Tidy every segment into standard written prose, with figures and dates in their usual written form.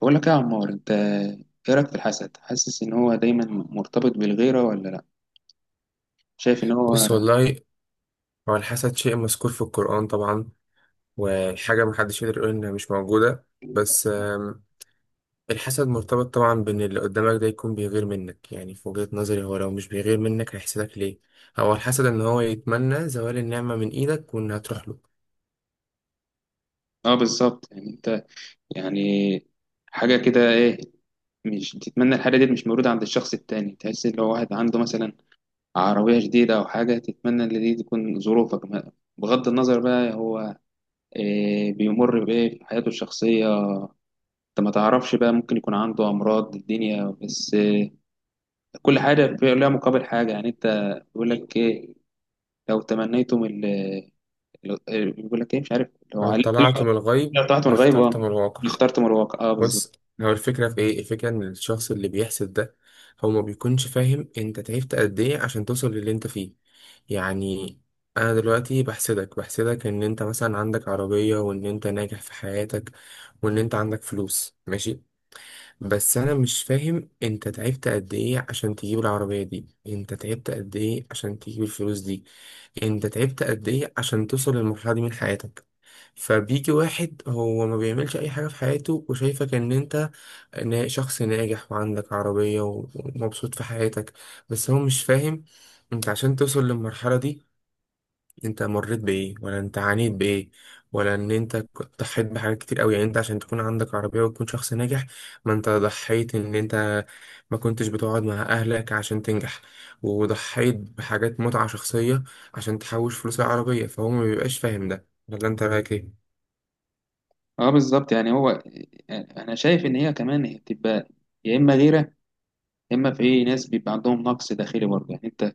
بقول لك إيه يا عمار، انت ايه رايك في الحسد؟ حاسس ان هو دايما مرتبط بالغيره ولا لا؟ شايف ان هو... بص والله، هو الحسد شيء مذكور في القرآن طبعا، وحاجة محدش يقدر يقول إنها مش موجودة، بس الحسد مرتبط طبعا بإن اللي قدامك ده يكون بيغير منك. يعني في وجهة نظري، هو لو مش بيغير منك هيحسدك ليه؟ هو الحسد إن هو يتمنى زوال النعمة من إيدك وإنها تروح له. اه بالظبط، يعني انت، يعني حاجه كده، ايه، مش تتمنى الحاجه دي مش موجوده عند الشخص التاني، تحس ان لو واحد عنده مثلا عربيه جديده او حاجه، تتمنى ان دي تكون ظروفك. بغض النظر بقى، هو إيه بيمر بايه في حياته الشخصيه؟ انت ما تعرفش بقى، ممكن يكون عنده امراض الدنيا، بس كل حاجه لها مقابل حاجه. يعني انت، بيقول لك ايه، لو تمنيتم ال بيقول لك ايه، مش عارف. لو لو علي طلعت طلع من الغيب لو طلعت من الغيب، لاخترت من اه، الواقع. اخترت من الواقع، اه بالظبط. بص، هو الفكرة في ايه؟ الفكرة ان الشخص اللي بيحسد ده هو ما بيكونش فاهم انت تعبت قد ايه عشان توصل للي انت فيه. يعني انا دلوقتي بحسدك ان انت مثلا عندك عربية، وان انت ناجح في حياتك، وان انت عندك فلوس، ماشي. بس انا مش فاهم انت تعبت قد ايه عشان تجيب العربية دي، انت تعبت قد ايه عشان تجيب الفلوس دي، انت تعبت قد ايه عشان توصل للمرحلة دي من حياتك. فبيجي واحد هو ما بيعملش اي حاجة في حياته وشايفك ان انت شخص ناجح وعندك عربية ومبسوط في حياتك، بس هو مش فاهم. انت عشان توصل للمرحلة دي انت مريت بإيه، ولا انت عانيت بإيه، ولا ان انت ضحيت بحاجات كتير قوي، يعني انت عشان تكون عندك عربية وتكون شخص ناجح، ما انت ضحيت ان انت ما كنتش بتقعد مع اهلك عشان تنجح، وضحيت بحاجات متعة شخصية عشان تحوش فلوس العربية، فهو ما بيبقاش فاهم ده، ولا انت رايك ايه؟ اه بالظبط، يعني هو، انا شايف ان هي كمان هي بتبقى يا اما غيره، يا اما في ناس بيبقى عندهم نقص داخلي برضه. يعني انت،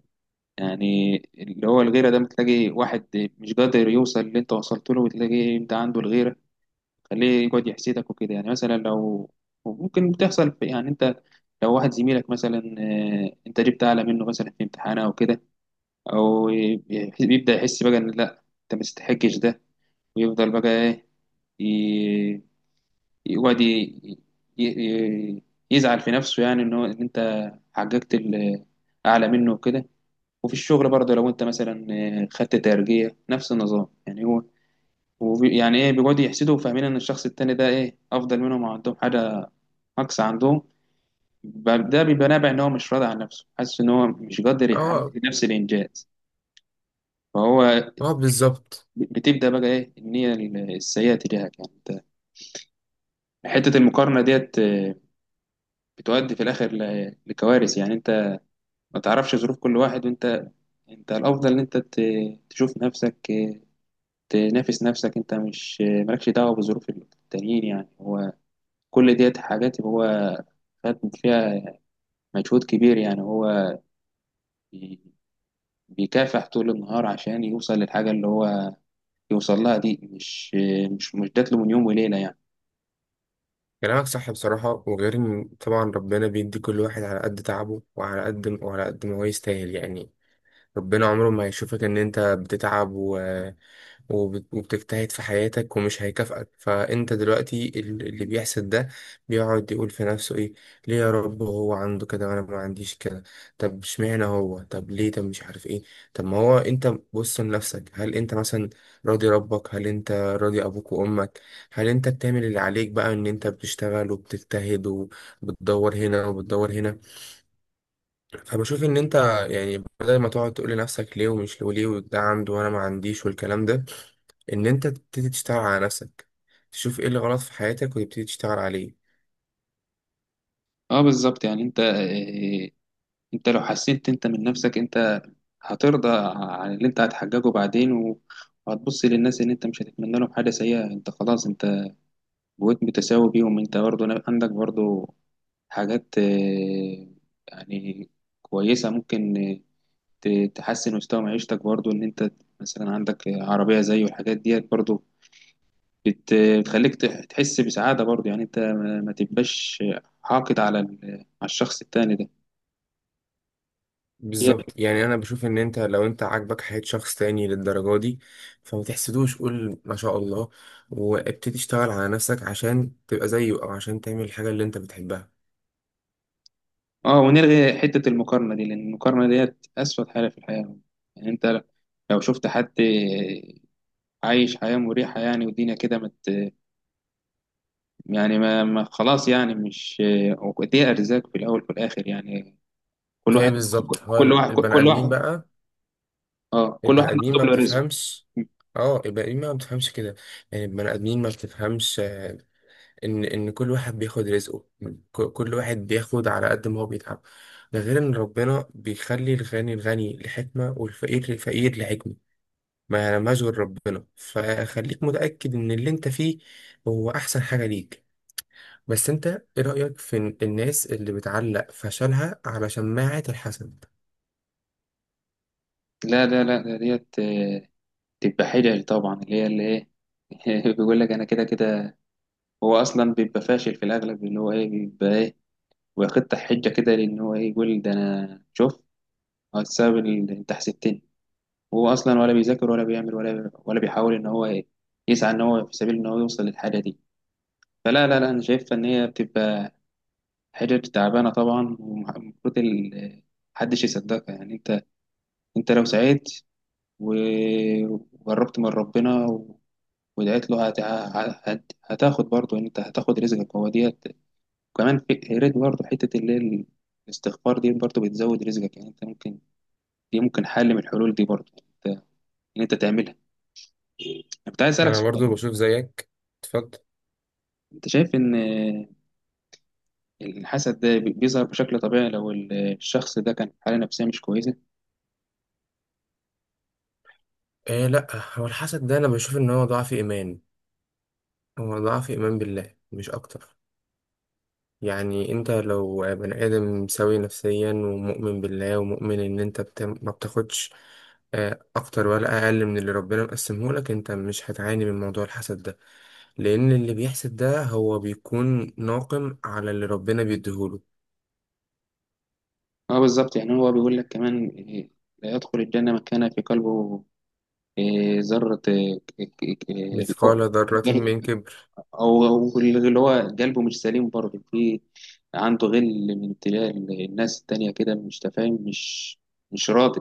يعني اللي هو الغيره ده، بتلاقي واحد مش قادر يوصل اللي انت وصلت له، وتلاقي انت عنده الغيره. خليه يقعد يحسدك وكده. يعني مثلا لو ممكن بتحصل يعني انت، لو واحد زميلك مثلا، انت جبت اعلى منه مثلا في امتحان او كده، او ي- بيبدا يحس بقى ان لا، انت ما تستحقش ده. ويفضل بقى ايه، ي- يقعد ي- ي- يزعل في نفسه. يعني ان هو، ان انت حققت ال- اعلى منه وكده. وفي الشغل برضه لو انت مثلا خدت ترقية، نفس النظام. يعني هو يعني ايه، بيقعدوا يحسدوا، وفاهمين ان الشخص التاني ده ايه، افضل منهم أو عندهم حاجة نقص عندهم. ده بيبقى نابع ان هو مش راضي عن نفسه، حاسس ان هو مش قادر يحقق اه. نفس الانجاز. فهو اه، بالظبط. بتبدأ بقى إيه، النية السيئة تجاهك. يعني أنت، حتة المقارنة ديت بتؤدي في الآخر لكوارث. يعني أنت ما تعرفش ظروف كل واحد. وأنت، أنت الأفضل إن أنت تشوف نفسك، تنافس نفسك. أنت مش مالكش دعوة بظروف التانيين. يعني هو كل ديت حاجات هو خد فيها مجهود كبير. يعني هو بي- بيكافح طول النهار عشان يوصل للحاجة اللي هو يوصل لها دي، مش آه، مش مش جات له من يوم وليلة يعني. كلامك صح بصراحة، وغير إن طبعا ربنا بيدي كل واحد على قد تعبه وعلى قد ما هو يستاهل. يعني ربنا عمره ما هيشوفك ان انت بتتعب وبتجتهد في حياتك ومش هيكافئك. فانت دلوقتي اللي بيحسد ده بيقعد يقول في نفسه ايه، ليه يا رب هو عنده كده وانا ما عنديش كده؟ طب اشمعنى هو، طب ليه، طب مش عارف ايه، طب ما هو انت بص لنفسك. هل انت مثلا راضي ربك؟ هل انت راضي ابوك وامك؟ هل انت بتعمل اللي عليك بقى، ان انت بتشتغل وبتجتهد وبتدور هنا وبتدور هنا؟ فبشوف ان انت، يعني بدل ما تقعد تقول لنفسك ليه ومش ليه وليه ده عنده وانا ما عنديش والكلام ده، ان انت تبتدي تشتغل على نفسك، تشوف ايه اللي غلط في حياتك وتبتدي تشتغل عليه. اه بالظبط، يعني انت انت لو حسيت انت من نفسك، انت هترضى عن اللي انت هتحققه بعدين. وهتبص للناس ان انت مش هتتمنى لهم حاجة سيئة. انت خلاص، انت بقيت متساوي بيهم. انت برضه عندك برضه حاجات يعني كويسة. ممكن تحسن مستوى معيشتك برضه، ان انت مثلا عندك عربية زيه. والحاجات ديت برضه بت- بتخليك تحس بسعادة برضه. يعني انت ما تبقاش حاقد على على الشخص التاني ده. هي. بالظبط. يعني انا بشوف ان انت لو انت عاجبك حياة شخص تاني للدرجة دي فما تحسدوش، قول ما شاء الله وابتدي تشتغل على نفسك عشان تبقى زيه، او عشان تعمل الحاجة اللي انت بتحبها. اه، ونلغي حتة المقارنة دي، لأن المقارنة ديت أسود حاجة في الحياة. يعني أنت لو شفت حد عايش حياة مريحة، يعني والدنيا كده مت، يعني ما خلاص، يعني مش... دي أرزاق في الأول وفي الآخر. يعني كل هي واحد، بالظبط. هو كل واحد، البني كل ادمين واحد، بقى. اه، كل البني واحد ادمين ما مكتوب له رزقه. بتفهمش. اه، البني ادمين ما بتفهمش كده، يعني البني ادمين ما بتفهمش ان كل واحد بياخد رزقه، كل واحد بياخد على قد ما هو بيتعب. ده غير ان ربنا بيخلي الغني الغني لحكمة، والفقير الفقير لحكمة، ما يعلمهاش غير ربنا. فخليك متأكد ان اللي انت فيه هو احسن حاجة ليك. بس انت ايه رأيك في الناس اللي بتعلق فشلها على شماعة الحسد؟ لا لا لا، ده ديت تبقى حجج طبعا، اللي هي اللي ايه، بيقول لك انا كده كده. هو اصلا بيبقى فاشل في الاغلب، اللي هو ايه، بيبقى ايه، ويخطح حجه كده، لان هو ايه، يقول ده انا شوف السبب اللي انت حسدتني. هو اصلا ولا بيذاكر ولا بيعمل ولا بيحاول ان هو يسعى ان هو في سبيل ان هو يوصل للحاجه دي. فلا لا لا، انا شايفها ان هي بتبقى حاجه تعبانه طبعا، ومفروض محدش يصدقها. يعني انت، انت لو سعيت و- وقربت من ربنا ودعيت له، هتاخد برضه، انت هتاخد رزقك. هو ديت كمان في ريت برضه، حته اللي هي الاستغفار دي برضه بتزود رزقك. يعني انت ممكن، دي ممكن حل من الحلول دي برضه، ان انت تعملها. كنت عايز اسالك انا سؤال. برضو بشوف زيك. اتفضل. انت شايف ان الحسد ده بيظهر بشكل طبيعي لو الشخص ده كان في حاله نفسيه مش كويسه؟ آه لا. هو الحسد ده انا بشوف ان هو ضعف ايمان، هو ضعف ايمان بالله مش اكتر. يعني انت لو بني ادم سوي نفسيا ومؤمن بالله ومؤمن ان انت ما بتاخدش اكتر ولا اقل من اللي ربنا مقسمه لك، انت مش هتعاني من موضوع الحسد ده، لان اللي بيحسد ده هو بيكون ناقم على اللي ربنا بيديهوله. اه بالظبط، يعني هو بيقول لك كمان إيه، لا يدخل الجنه من كان في قلبه إيه ذره، إيه، اللي هو مثقال ذرة ذرة- من كبر. او أو اللي هو قلبه مش سليم برضه. في عنده غل من ابتلاء الناس التانية كده، مش تفاهم، مش راضي،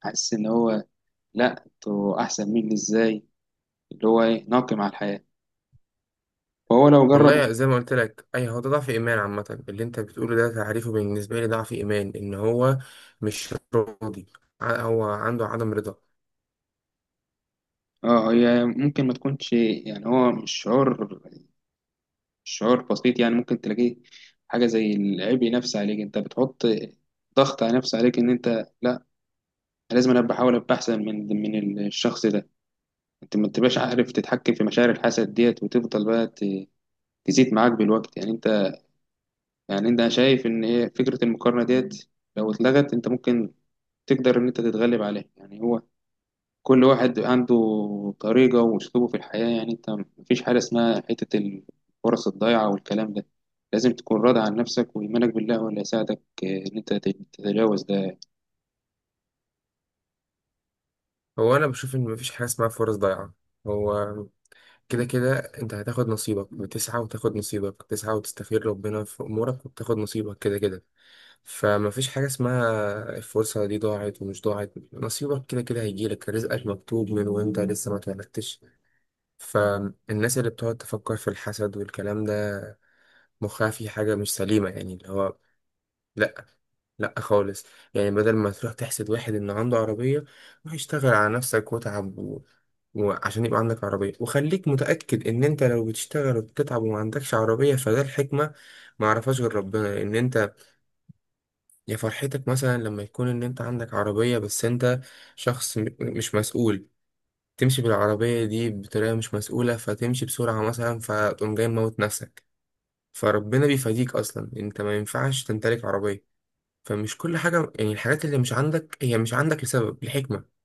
حاسس ان هو لا، انتوا احسن مني ازاي؟ اللي هو ايه، ناقم على الحياه. فهو لو جرب... والله زي ما قلت لك، اي هو ده ضعف ايمان عامة. اللي انت بتقوله ده تعريفه بالنسبة لي ضعف ايمان، ان هو مش راضي، هو عنده عدم رضا. اه، هي ممكن ما تكونش، يعني هو مش شعور، شعور بسيط. يعني ممكن تلاقيه حاجة زي العبء نفسي عليك. انت بتحط ضغط على نفسك، عليك ان انت لا، أنا لازم، انا بحاول ابقى احسن من الشخص ده. انت ما تبقاش عارف تتحكم في مشاعر الحسد ديت، وتفضل بقى تزيد معاك بالوقت. يعني انت، يعني انت، أنا شايف ان هي فكرة المقارنة ديت لو اتلغت، انت ممكن تقدر ان انت تتغلب عليها. يعني هو كل واحد عنده طريقة وأسلوبه في الحياة. يعني أنت مفيش حاجة اسمها حتة الفرص الضايعة والكلام ده. لازم تكون راضي عن نفسك، وإيمانك بالله هو اللي هيساعدك إن أنت تتجاوز ده. هو انا بشوف ان مفيش حاجه اسمها فرص ضايعه. هو كده كده انت هتاخد نصيبك، بتسعى وتاخد نصيبك، بتسعى وتستخير ربنا في امورك وبتاخد نصيبك كده كده. فمفيش حاجه اسمها الفرصه دي ضاعت ومش ضاعت، نصيبك كده كده هيجيلك، رزقك مكتوب من وانت لسه ما اتولدتش. فالناس اللي بتقعد تفكر في الحسد والكلام ده مخها في حاجه مش سليمه، يعني اللي هو لا، لا خالص. يعني بدل ما تروح تحسد واحد ان عنده عربية، روح اشتغل على نفسك وتعب وعشان يبقى عندك عربية. وخليك متأكد ان انت لو بتشتغل وبتتعب وما عندكش عربية فده الحكمة، ما عرفهاش غير ربنا. ان انت يا فرحتك مثلا لما يكون ان انت عندك عربية، بس انت شخص مش مسؤول، تمشي بالعربية دي بطريقة مش مسؤولة، فتمشي بسرعة مثلا فتقوم جاي موت نفسك، فربنا بيفاديك. اصلا انت ما ينفعش تمتلك عربية، فمش كل حاجة. يعني الحاجات اللي مش عندك هي مش عندك لسبب، لحكمة.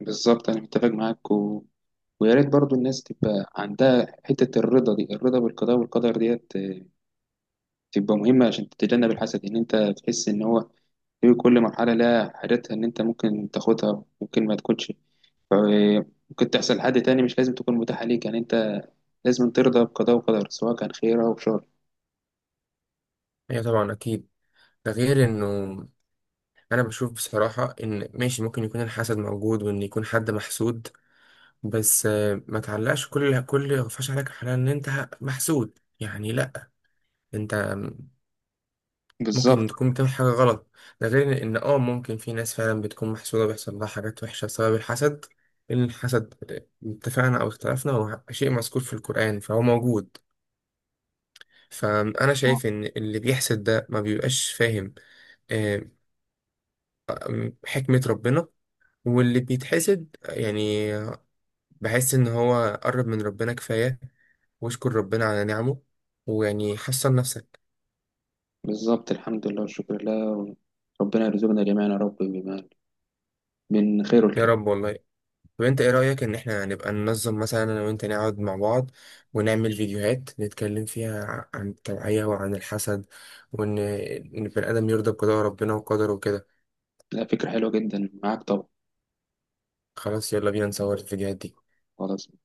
بالظبط، أنا متفق معاك، و... ويا ريت برضو الناس تبقى عندها حتة الرضا دي، الرضا بالقضاء والقدر ديت تبقى مهمة عشان تتجنب الحسد. إن أنت تحس إن هو في كل مرحلة لها حاجتها، إن أنت ممكن تاخدها، ممكن ما تكونش، ممكن تحصل لحد تاني، مش لازم تكون متاحة ليك. يعني لازم ترضى بقضاء وقدر، سواء كان خير أو شر. هي طبعا أكيد. ده غير إنه أنا بشوف بصراحة إن ماشي ممكن يكون الحسد موجود، وإن يكون حد محسود، بس ما تعلقش كل غفاش عليك الحلال إن أنت محسود. يعني لأ، أنت ممكن بالظبط. تكون بتعمل حاجة غلط. ده غير إن آه، ممكن في ناس فعلا بتكون محسودة بيحصل لها حاجات وحشة بسبب الحسد، لأن الحسد اتفقنا أو اختلفنا، هو شيء مذكور في القرآن، فهو موجود. فأنا شايف إن اللي بيحسد ده ما بيبقاش فاهم آه، حكمة ربنا، واللي بيتحسد يعني بحس إن هو قرب من ربنا كفاية، واشكر ربنا على نعمه، ويعني حسن نفسك. بالظبط، الحمد لله والشكر لله. ربنا يرزقنا جميعا يا رب بما من خير يا الكتاب. رب، والله. طب انت ايه رأيك ان احنا نبقى ننظم، مثلا انا وانت نقعد مع بعض ونعمل فيديوهات نتكلم فيها عن التوعية وعن الحسد، وان ان البني ادم يرضى بقضاء ربنا وقدره وكده. لا، فكرة حلوة جدا معاك طبعا. خلاص، يلا بينا نصور الفيديوهات دي. خلاص.